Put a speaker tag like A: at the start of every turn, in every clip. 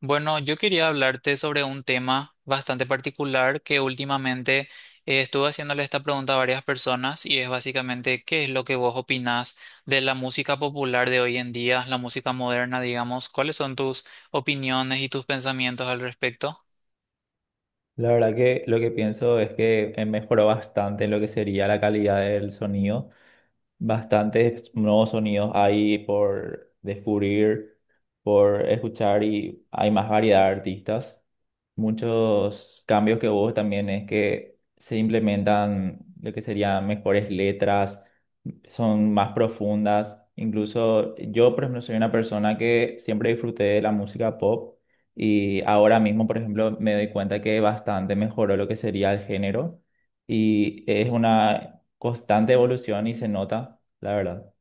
A: Bueno, yo quería hablarte sobre un tema bastante particular que últimamente estuve haciéndole esta pregunta a varias personas y es básicamente qué es lo que vos opinás de la música popular de hoy en día, la música moderna, digamos, cuáles son tus opiniones y tus pensamientos al respecto.
B: La verdad que lo que pienso es que mejoró bastante lo que sería la calidad del sonido. Bastantes nuevos sonidos hay por descubrir, por escuchar y hay más variedad de artistas. Muchos cambios que hubo también es que se implementan lo que serían mejores letras, son más profundas. Incluso yo, por ejemplo, soy una persona que siempre disfruté de la música pop y ahora mismo, por ejemplo, me doy cuenta que bastante mejoró lo que sería el género y es una constante evolución y se nota, la verdad.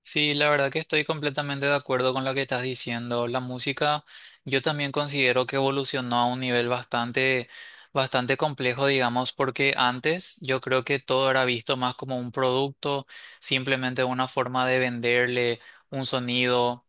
A: Sí, la verdad que estoy completamente de acuerdo con lo que estás diciendo. La música, yo también considero que evolucionó a un nivel bastante complejo, digamos, porque antes yo creo que todo era visto más como un producto, simplemente una forma de venderle un sonido.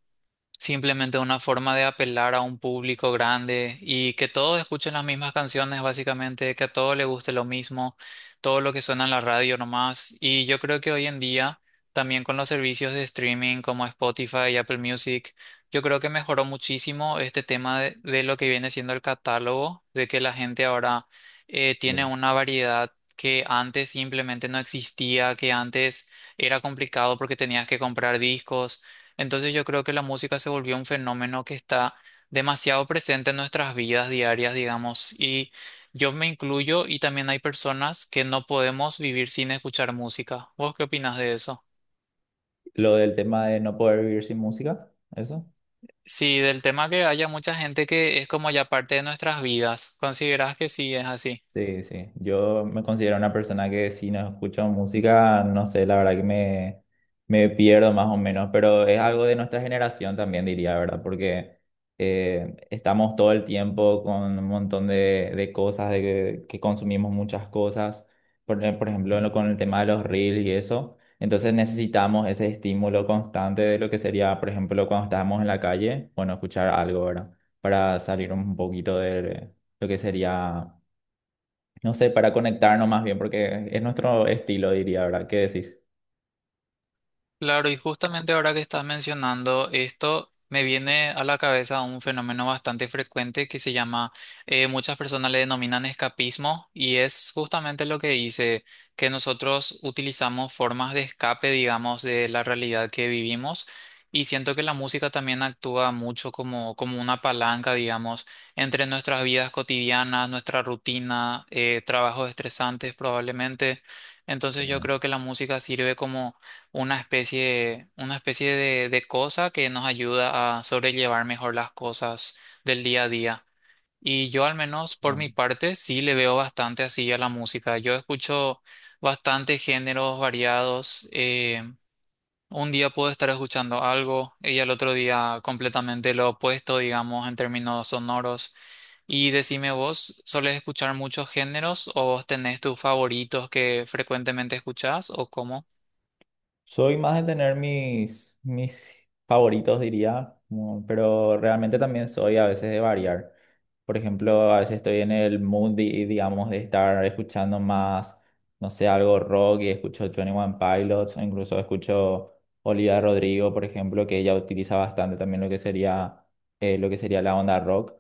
A: Simplemente una forma de apelar a un público grande y que todos escuchen las mismas canciones, básicamente, que a todos les guste lo mismo, todo lo que suena en la radio nomás. Y yo creo que hoy en día, también con los servicios de streaming como Spotify y Apple Music, yo creo que mejoró muchísimo este tema de lo que viene siendo el catálogo, de que la gente ahora tiene
B: Mm.
A: una variedad que antes simplemente no existía, que antes era complicado porque tenías que comprar discos, entonces yo creo que la música se volvió un fenómeno que está demasiado presente en nuestras vidas diarias, digamos, y yo me incluyo y también hay personas que no podemos vivir sin escuchar música. ¿Vos qué opinas de eso?
B: Lo del tema de no poder vivir sin música, eso.
A: Sí, del tema que haya mucha gente que es como ya parte de nuestras vidas. ¿Considerás que sí es así?
B: Sí, sí, yo me considero una persona que si no escucho música, no sé, la verdad que me pierdo más o menos, pero es algo de nuestra generación también, diría, ¿verdad? Porque estamos todo el tiempo con un montón de cosas, de que consumimos muchas cosas, por ejemplo, con el tema de los reels y eso. Entonces necesitamos ese estímulo constante de lo que sería, por ejemplo, cuando estábamos en la calle, bueno, escuchar algo, ¿verdad? Para salir un poquito de lo que sería, no sé, para conectarnos más bien, porque es nuestro estilo, diría, ¿verdad? ¿Qué decís?
A: Claro, y justamente ahora que estás mencionando esto, me viene a la cabeza un fenómeno bastante frecuente que se llama, muchas personas le denominan escapismo, y es justamente lo que dice, que nosotros utilizamos formas de escape, digamos, de la realidad que vivimos, y siento que la música también actúa mucho como una palanca, digamos, entre nuestras vidas cotidianas, nuestra rutina, trabajos estresantes probablemente. Entonces yo
B: Eh,
A: creo que la música sirve como una especie de cosa que nos ayuda a sobrellevar mejor las cosas del día a día. Y yo al menos por mi parte sí le veo bastante así a la música. Yo escucho bastante géneros variados. Un día puedo estar escuchando algo y al otro día completamente lo opuesto, digamos, en términos sonoros. Y decime vos, ¿soles escuchar muchos géneros o vos tenés tus favoritos que frecuentemente escuchás o cómo?
B: Soy más de tener mis favoritos, diría, pero realmente también soy a veces de variar. Por ejemplo, a veces estoy en el mood, digamos, de estar escuchando más, no sé, algo rock y escucho Twenty One Pilots, o incluso escucho Olivia Rodrigo, por ejemplo, que ella utiliza bastante también lo que sería la onda rock,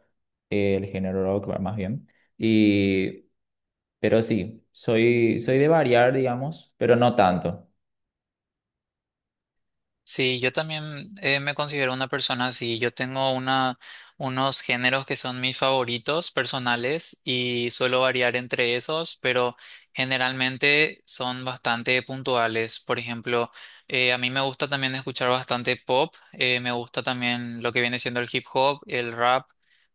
B: el género rock, más bien. Y Pero sí, soy de variar, digamos, pero no tanto,
A: Sí, yo también me considero una persona así. Yo tengo una, unos géneros que son mis favoritos personales y suelo variar entre esos, pero generalmente son bastante puntuales. Por ejemplo, a mí me gusta también escuchar bastante pop, me gusta también lo que viene siendo el hip hop, el rap,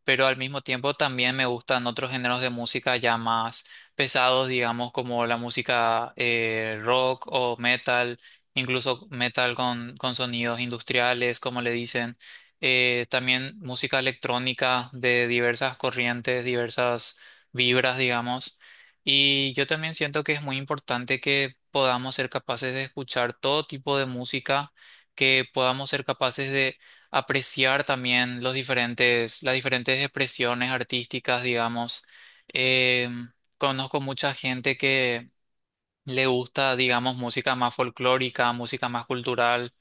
A: pero al mismo tiempo también me gustan otros géneros de música ya más pesados, digamos, como la música rock o metal, incluso metal con sonidos industriales, como le dicen, también música electrónica de diversas corrientes, diversas vibras, digamos. Y yo también siento que es muy importante que podamos ser capaces de escuchar todo tipo de música, que podamos ser capaces de apreciar también los diferentes, las diferentes expresiones artísticas, digamos. Em, Conozco mucha gente que le gusta, digamos, música más folclórica, música más cultural,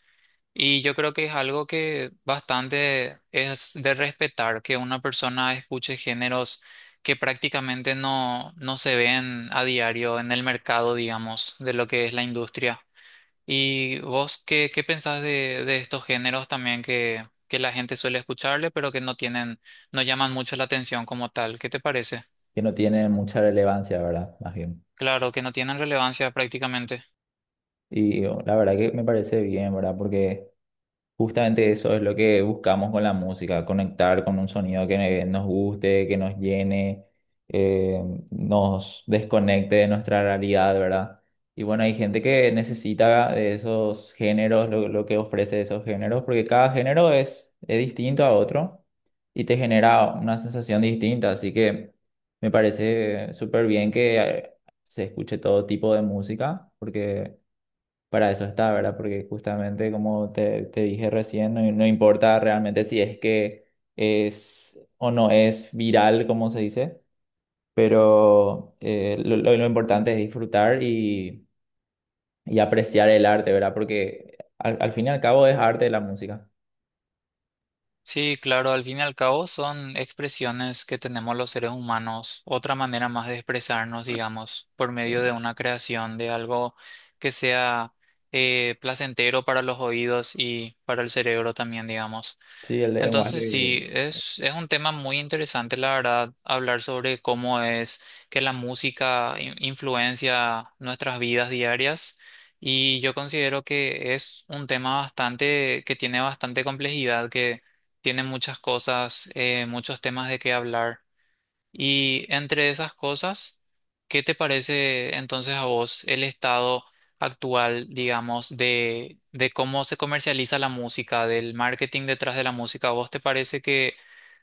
A: y yo creo que es algo que bastante es de respetar, que una persona escuche géneros que prácticamente no se ven a diario en el mercado, digamos, de lo que es la industria. ¿Y vos qué, qué pensás de estos géneros también que la gente suele escucharle, pero que no tienen, no llaman mucho la atención como tal? ¿Qué te parece?
B: que no tiene mucha relevancia, ¿verdad? Más bien.
A: Claro, que no tienen relevancia prácticamente.
B: Y oh, la verdad que me parece bien, ¿verdad? Porque justamente eso es lo que buscamos con la música: conectar con un sonido que nos guste, que nos llene, eh, nos desconecte de nuestra realidad, ¿verdad? Y bueno, hay gente que necesita de esos géneros, lo que ofrece esos géneros, porque cada género es distinto a otro y te genera una sensación distinta, así que me parece súper bien que se escuche todo tipo de música, porque para eso está, ¿verdad? Porque justamente como te dije recién, no, no importa realmente si es que es o no es viral, como se dice, pero lo importante es disfrutar y apreciar el arte, ¿verdad? Porque al fin y al cabo es arte la música.
A: Sí, claro, al fin y al cabo son expresiones que tenemos los seres humanos, otra manera más de expresarnos, digamos, por medio
B: eh,
A: de una creación, de algo que sea placentero para los oídos y para el cerebro también, digamos.
B: Sí, el
A: Entonces sí,
B: lenguaje.
A: es un tema muy interesante, la verdad, hablar sobre cómo es que la música influencia nuestras vidas diarias. Y yo considero que es un tema bastante, que tiene bastante complejidad, que tiene muchas cosas, muchos temas de qué hablar. Y entre esas cosas, ¿qué te parece entonces a vos el estado actual, digamos, de cómo se comercializa la música, del marketing detrás de la música? ¿A vos te parece que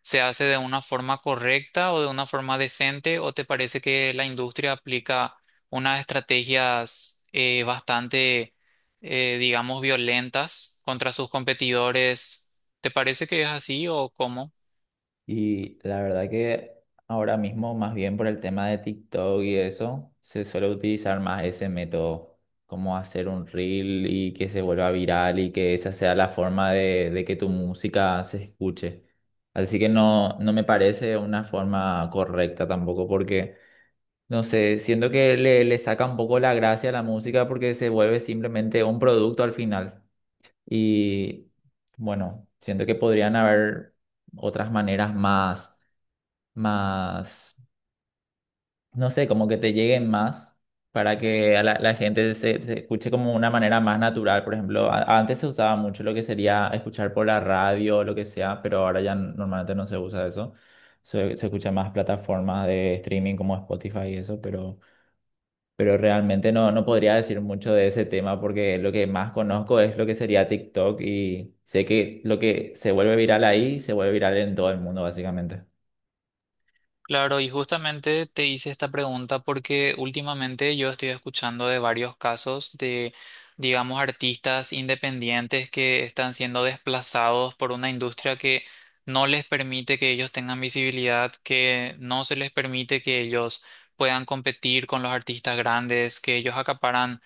A: se hace de una forma correcta o de una forma decente o te parece que la industria aplica unas estrategias digamos, violentas contra sus competidores? ¿Te parece que es así o cómo?
B: Y la verdad que ahora mismo, más bien por el tema de TikTok y eso, se suele utilizar más ese método, como hacer un reel y que se vuelva viral y que esa sea la forma de que tu música se escuche. Así que no, no me parece una forma correcta tampoco porque, no sé, siento que le saca un poco la gracia a la música porque se vuelve simplemente un producto al final. Y bueno, siento que podrían haber otras maneras más, no sé, como que te lleguen más, para que a la gente se escuche como una manera más natural. Por ejemplo, antes se usaba mucho lo que sería escuchar por la radio o lo que sea, pero ahora ya normalmente no se usa eso. Se escucha más plataformas de streaming como Spotify y eso, pero realmente no, no podría decir mucho de ese tema porque lo que más conozco es lo que sería TikTok y sé que lo que se vuelve viral ahí se vuelve viral en todo el mundo, básicamente.
A: Claro, y justamente te hice esta pregunta porque últimamente yo estoy escuchando de varios casos de, digamos, artistas independientes que están siendo desplazados por una industria que no les permite que ellos tengan visibilidad, que no se les permite que ellos puedan competir con los artistas grandes, que ellos acaparan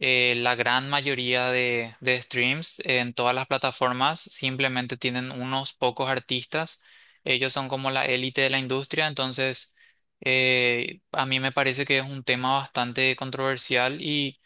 A: la gran mayoría de streams en todas las plataformas, simplemente tienen unos pocos artistas, ellos son como la élite de la industria, entonces a mí me parece que es un tema bastante controversial y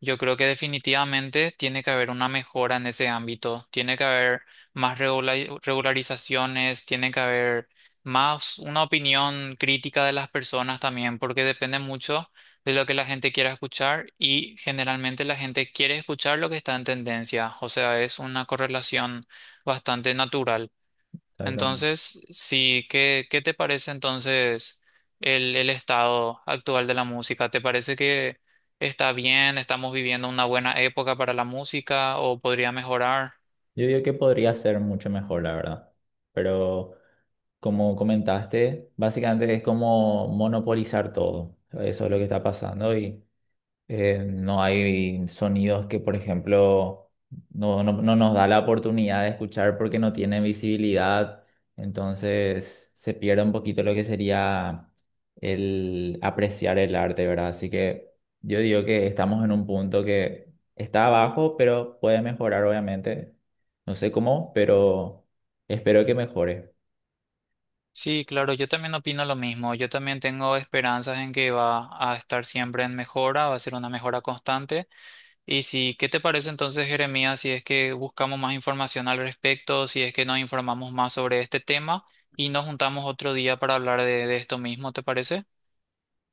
A: yo creo que definitivamente tiene que haber una mejora en ese ámbito, tiene que haber más regularizaciones, tiene que haber más una opinión crítica de las personas también, porque depende mucho de lo que la gente quiera escuchar y generalmente la gente quiere escuchar lo que está en tendencia, o sea, es una correlación bastante natural.
B: Exactamente.
A: Entonces, sí, ¿qué, qué te parece entonces el estado actual de la música? ¿Te parece que está bien, estamos viviendo una buena época para la música o podría mejorar?
B: Yo digo que podría ser mucho mejor, la verdad. Pero como comentaste, básicamente es como monopolizar todo. Eso es lo que está pasando y no hay sonidos que, por ejemplo, no nos da la oportunidad de escuchar porque no tienen visibilidad. Entonces se pierde un poquito lo que sería el apreciar el arte, ¿verdad? Así que yo digo que estamos en un punto que está abajo, pero puede mejorar, obviamente. No sé cómo, pero espero que mejore.
A: Sí, claro, yo también opino lo mismo. Yo también tengo esperanzas en que va a estar siempre en mejora, va a ser una mejora constante. Y sí, ¿qué te parece entonces, Jeremías, si es que buscamos más información al respecto, si es que nos informamos más sobre este tema y nos juntamos otro día para hablar de esto mismo, ¿te parece?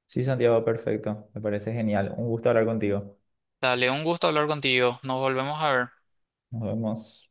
B: Sí, Santiago, perfecto. Me parece genial. Un gusto hablar contigo.
A: Dale, un gusto hablar contigo. Nos volvemos a ver.
B: Nos vemos.